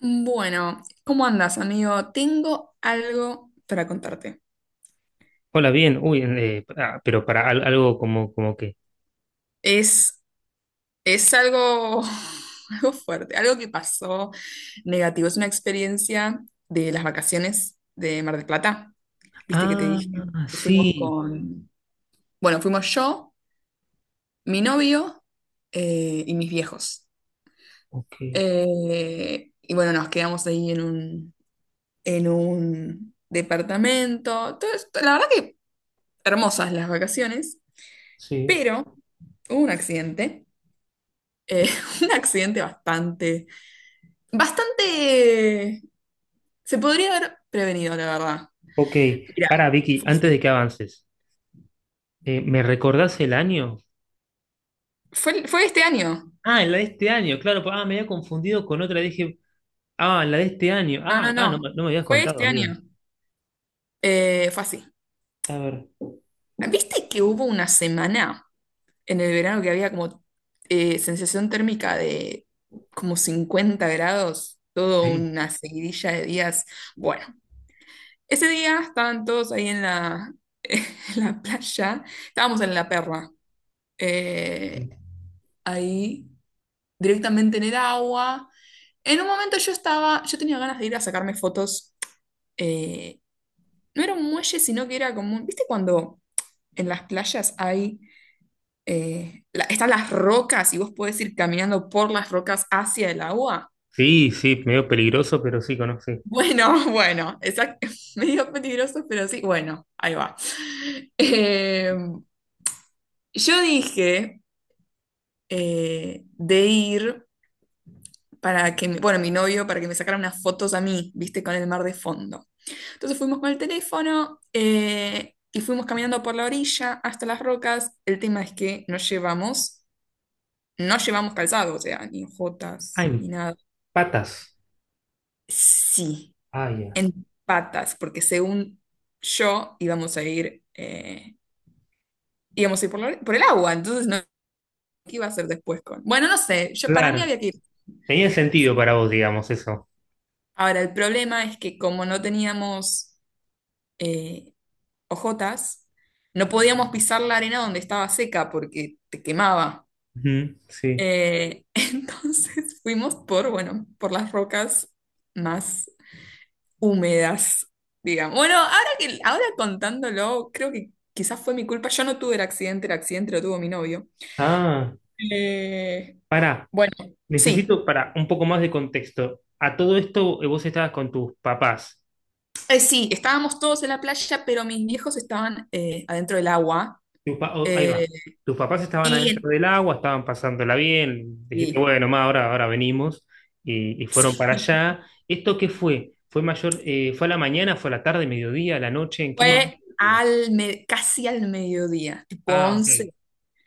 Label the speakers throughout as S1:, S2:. S1: Bueno, ¿cómo andas, amigo? Tengo algo para contarte.
S2: Hola, bien. Pero para algo como que.
S1: Es, es algo, algo fuerte, algo que pasó negativo. Es una experiencia de las vacaciones de Mar del Plata. Viste que te
S2: Ah,
S1: dije que
S2: sí.
S1: bueno, fuimos yo, mi novio y mis viejos.
S2: Ok,
S1: Y bueno, nos quedamos ahí en un departamento. La verdad que hermosas las vacaciones.
S2: sí.
S1: Pero hubo un accidente, eh, un accidente bastante, se podría haber prevenido, la verdad.
S2: Ok.
S1: Mira,
S2: Para, Vicky,
S1: fue
S2: antes
S1: así.
S2: de que avances, ¿me recordás el año?
S1: Fue este año.
S2: Ah, la de este año, claro. Ah, me había confundido con otra. Dije, ah, la de este año.
S1: No, no,
S2: No,
S1: no.
S2: no me habías
S1: Fue
S2: contado,
S1: este
S2: amiga.
S1: año. Fue así.
S2: A ver.
S1: ¿Viste que hubo una semana en el verano que había como sensación térmica de como 50 grados, toda
S2: Sí.
S1: una seguidilla de días? Bueno, ese día estaban todos ahí en en la playa, estábamos en la perra, eh, ahí directamente en el agua. En un momento yo tenía ganas de ir a sacarme fotos, eh, no era un muelle, sino que era como, ¿viste cuando en las playas hay, están las rocas y vos podés ir caminando por las rocas hacia el agua?
S2: Sí, sí, medio peligroso, pero sí conocí.
S1: Bueno, bueno, exacto, medio peligroso, pero sí, bueno, ahí va. Em, yo dije... de ir para que, bueno, mi novio, para que me sacara unas fotos a mí, viste, con el mar de fondo. Entonces fuimos con el teléfono y fuimos caminando por la orilla hasta las rocas. El tema es que no llevamos calzado, o sea, ni
S2: Ah,
S1: jotas, ni
S2: en
S1: nada.
S2: patas.
S1: Sí,
S2: Ah, ya.
S1: en patas, porque según yo íbamos a ir por, la por el agua, entonces no, ¿qué iba a hacer después con? Bueno, no sé, yo para mí
S2: Claro,
S1: había que ir.
S2: tenía sentido para vos, digamos, eso.
S1: Ahora, el problema es que como no teníamos eh, ojotas, no podíamos pisar la arena donde estaba seca porque te quemaba.
S2: Ujú, sí.
S1: Entonces fuimos por, bueno, por las rocas más húmedas, digamos. Bueno, ahora contándolo, creo que quizás fue mi culpa. Yo no tuve el accidente lo tuvo mi novio.
S2: Ah,
S1: Eh,
S2: pará,
S1: bueno, sí.
S2: necesito para un poco más de contexto. A todo esto vos estabas con tus papás.
S1: Sí, estábamos todos en la playa, pero mis viejos estaban adentro del agua.
S2: Oh, ahí va.
S1: eh,
S2: Tus papás estaban adentro
S1: y,
S2: del agua, estaban pasándola bien. Dijiste,
S1: sí.
S2: bueno, ma, ahora venimos. Y fueron para allá. ¿Esto qué fue? ¿Fue mayor, fue a la mañana, fue a la tarde, mediodía, a la noche? ¿En qué momento
S1: Fue
S2: del día?
S1: casi al mediodía, tipo
S2: Ah, ok.
S1: 11.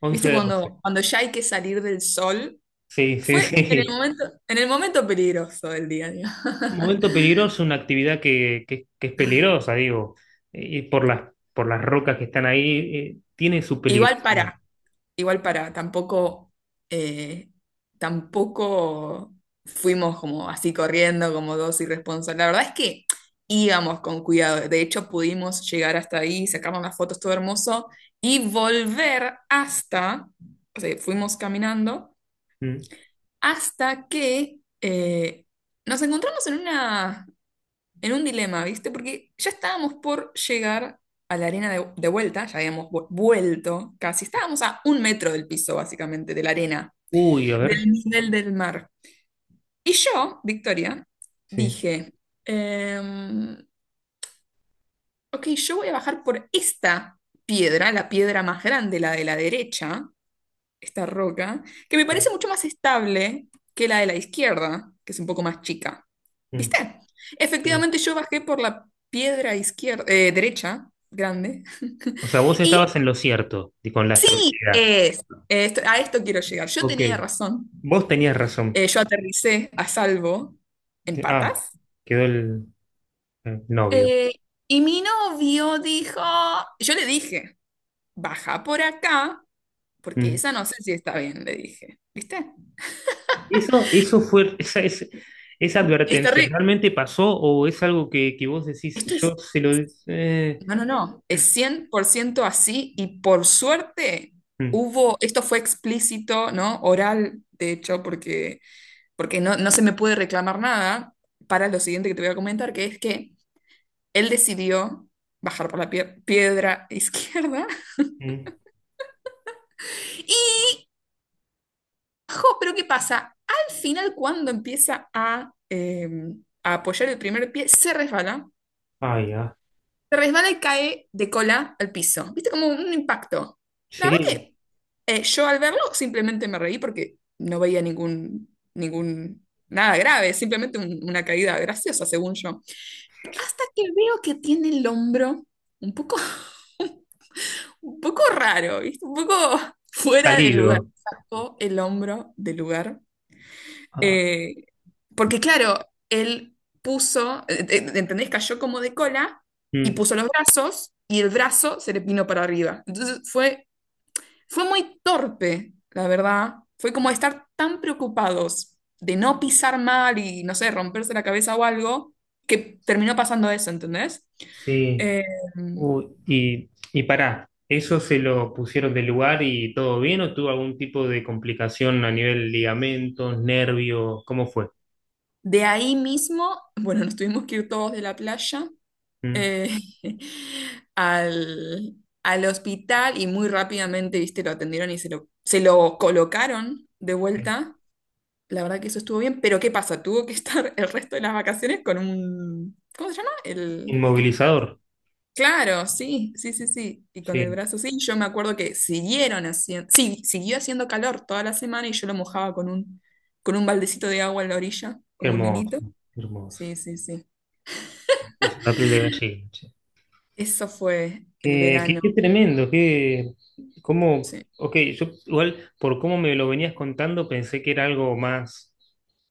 S2: 11
S1: ¿Viste
S2: de 12.
S1: cuando ya hay que salir del sol?
S2: Sí, sí,
S1: Fue en el
S2: sí.
S1: momento, en el momento peligroso del día, digo.
S2: Un momento peligroso, una actividad que es peligrosa, digo, y por por las rocas que están ahí, tiene su
S1: Igual
S2: peligrosidad.
S1: para, igual para, eh, tampoco fuimos como así corriendo, como dos irresponsables. La verdad es que íbamos con cuidado. De hecho, pudimos llegar hasta ahí, sacarnos las fotos, todo hermoso, y volver hasta, o sea, fuimos caminando.
S2: Mm.
S1: Hasta que nos encontramos en un dilema, ¿viste? Porque ya estábamos por llegar a la arena de vuelta, ya habíamos vuelto casi, estábamos a 1 metro del piso, básicamente, de la arena,
S2: Uy, a ver.
S1: del nivel del mar. Y yo, Victoria,
S2: Sí,
S1: dije, em, ok, yo voy a bajar por esta piedra, la piedra más grande, la de la derecha, esta roca, que me
S2: sí,
S1: parece mucho más estable que la de la izquierda, que es un poco más chica.
S2: mm,
S1: ¿Viste?
S2: sí.
S1: Efectivamente, yo bajé por la piedra izquierda, derecha, grande.
S2: O sea, vos
S1: Y
S2: estabas en lo cierto y con la estabilidad.
S1: es- a esto quiero llegar. Yo
S2: Ok,
S1: tenía razón.
S2: vos tenías razón.
S1: Yo aterricé a salvo en
S2: Ah,
S1: patas.
S2: quedó el, el novio.
S1: Eh, y mi novio dijo, yo le dije, baja por acá, porque
S2: Mm.
S1: esa no sé si está bien, le dije. ¿Viste?
S2: Eso fue, esa
S1: Es
S2: advertencia,
S1: terrible.
S2: ¿realmente pasó o es algo que vos decís,
S1: Esto
S2: yo
S1: es.
S2: se lo...
S1: No, no, no, es 100% así y por suerte
S2: mm,
S1: hubo, esto fue explícito, ¿no? Oral, de hecho, porque no se me puede reclamar nada para lo siguiente que te voy a comentar, que es que él decidió bajar por la piedra izquierda
S2: mm.
S1: y, jo, pero ¿qué pasa? Al final, cuando empieza a apoyar el primer pie, se resbala.
S2: Ay, ah,
S1: Se resbala y cae de cola al piso. ¿Viste? Como un impacto. La verdad
S2: sí.
S1: que yo al verlo simplemente me reí porque no veía nada grave, simplemente una caída graciosa, según yo. Hasta que veo que tiene el hombro un poco, un poco raro, ¿viste? Un poco fuera de lugar.
S2: Salido.
S1: Sacó el hombro del lugar
S2: Ah,
S1: eh, porque claro, él puso, ¿entendés? Cayó como de cola y
S2: mm,
S1: puso los brazos y el brazo se le vino para arriba. Entonces fue muy torpe, la verdad. Fue como estar tan preocupados de no pisar mal y, no sé, romperse la cabeza o algo, que terminó pasando eso, ¿entendés?
S2: sí.
S1: Eh,
S2: Uy. Y pará, ¿eso se lo pusieron del lugar y todo bien o tuvo algún tipo de complicación a nivel ligamentos, nervios? ¿Cómo fue?
S1: de ahí mismo, bueno, nos tuvimos que ir todos de la playa
S2: Mm.
S1: eh, al, al hospital y muy rápidamente, viste, lo atendieron y se lo colocaron de vuelta. La verdad que eso estuvo bien, pero ¿qué pasa? Tuvo que estar el resto de las vacaciones con un... ¿Cómo se llama? El...
S2: Inmovilizador.
S1: Claro, sí, sí, sí, sí. Y con el
S2: Sí,
S1: brazo, sí. Yo me acuerdo que siguieron haciendo... Sí, siguió haciendo calor toda la semana y yo lo mojaba con un, baldecito de agua en la orilla,
S2: qué
S1: como un
S2: hermoso,
S1: nenito.
S2: qué hermoso.
S1: Sí, sí, sí.
S2: Me puso la piel de gallina.
S1: Eso fue el verano.
S2: Qué tremendo, qué, cómo,
S1: Sí.
S2: ok, yo igual por cómo me lo venías contando pensé que era algo más,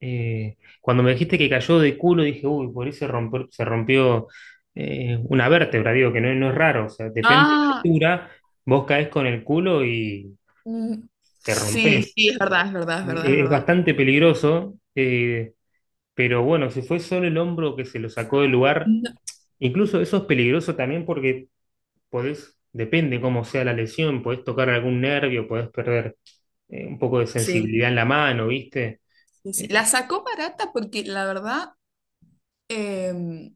S2: cuando me dijiste que cayó de culo dije, uy, por eso se rompió, se rompió una vértebra, digo, que no, no es raro, o sea, depende de
S1: Ah.
S2: la altura, vos caes con el culo y
S1: Mm.
S2: te
S1: Sí,
S2: rompes.
S1: sí, es verdad, es verdad, es verdad, es
S2: Es
S1: verdad.
S2: bastante peligroso, pero bueno, si fue solo el hombro que se lo sacó del lugar,
S1: No.
S2: incluso eso es peligroso también porque podés, depende cómo sea la lesión, podés tocar algún nervio, podés perder un poco de
S1: Sí,
S2: sensibilidad en la mano, ¿viste?
S1: sí, sí.
S2: Eh,
S1: La sacó barata porque la verdad em,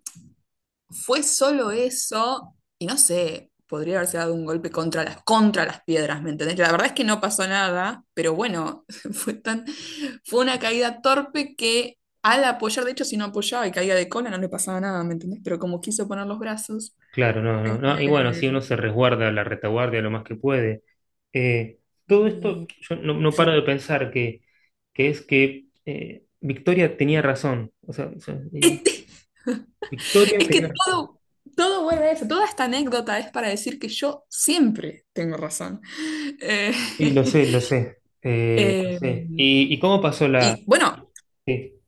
S1: fue solo eso y no sé, podría haberse dado un golpe contra las piedras, ¿me entendés? La verdad es que no pasó nada, pero bueno, fue tan, fue una caída torpe que al apoyar, de hecho, si no apoyaba y caía de cola no le pasaba nada, ¿me entendés? Pero como quiso poner los brazos,
S2: claro, no, no, no. Y bueno,
S1: eh,
S2: sí, uno se resguarda la retaguardia lo más que puede. Eh, Todo
S1: mm,
S2: esto, yo no, no
S1: sí.
S2: paro de pensar que es que Victoria tenía razón. O sea, Victoria
S1: Es
S2: tenía
S1: que
S2: razón.
S1: todo vuelve a eso, toda esta anécdota es para decir que yo siempre tengo razón. Eh,
S2: Sí, lo sé, lo sé. Lo
S1: eh,
S2: sé. Y cómo pasó la...?
S1: y bueno,
S2: Sí,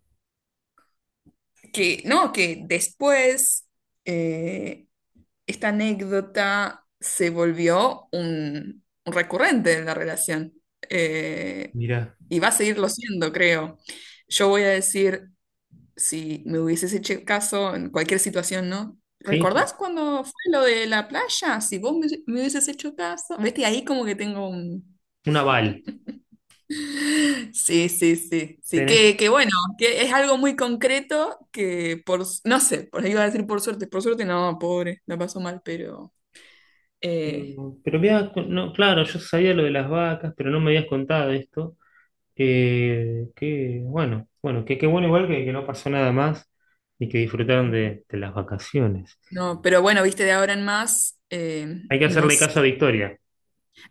S1: que no, que después eh, esta anécdota se volvió un recurrente en la relación. Eh,
S2: mirá,
S1: y va a seguirlo siendo, creo. Yo voy a decir, si me hubieses hecho caso en cualquier situación, ¿no?
S2: sí, sí,
S1: ¿Recordás cuando fue lo de la playa? Si vos me hubieses hecho caso. Ves que ahí como que tengo un...
S2: un aval.
S1: Sí, sí, sí, sí,
S2: Tenés.
S1: que bueno, que es algo muy concreto que por, no sé, por ahí iba a decir por suerte no, pobre, la pasó mal, pero eh,
S2: Pero, no, claro, yo sabía lo de las vacas, pero no me habías contado esto. Bueno, que qué bueno igual que no pasó nada más y que disfrutaron de las vacaciones.
S1: no, pero bueno, viste, de ahora en más,
S2: Hay que
S1: no
S2: hacerle
S1: sé.
S2: caso a Victoria.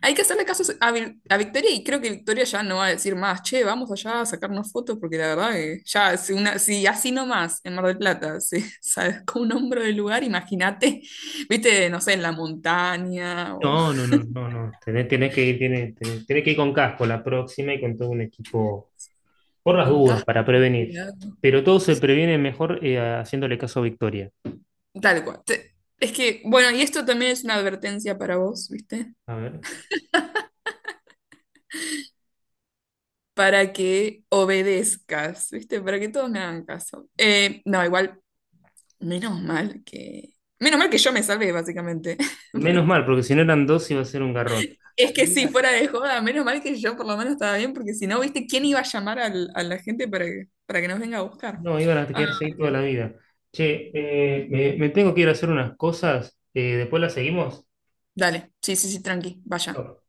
S1: Hay que hacerle caso a, a Victoria y creo que Victoria ya no va a decir más, che, vamos allá a sacarnos fotos porque la verdad que ya, si así nomás en Mar del Plata se sacó un hombro del lugar, imagínate, viste, no sé, en la montaña o
S2: No, no, no, no, no. Tenés que ir, tenés que ir con casco la próxima y con todo un equipo por las
S1: con
S2: dudas
S1: casco,
S2: para prevenir.
S1: cuidado.
S2: Pero todo se previene mejor haciéndole caso a Victoria.
S1: Tal cual. Es que, bueno, y esto también es una advertencia para vos, ¿viste?
S2: A ver.
S1: Para que obedezcas, ¿viste? Para que todos me hagan caso. No, igual, menos mal que... Menos mal que yo me salvé, básicamente.
S2: Menos mal, porque si no eran dos iba a ser un garrón.
S1: Es que sí, fuera de joda, menos mal que yo por lo menos estaba bien, porque si no, ¿viste quién iba a llamar a la gente para que, nos venga a buscar?
S2: No, iban a
S1: Ah,
S2: quedarse ahí toda
S1: Dios.
S2: la vida. Che, me tengo que ir a hacer unas cosas. Después las seguimos.
S1: Dale, sí, sí, sí, tranqui, vaya.
S2: No.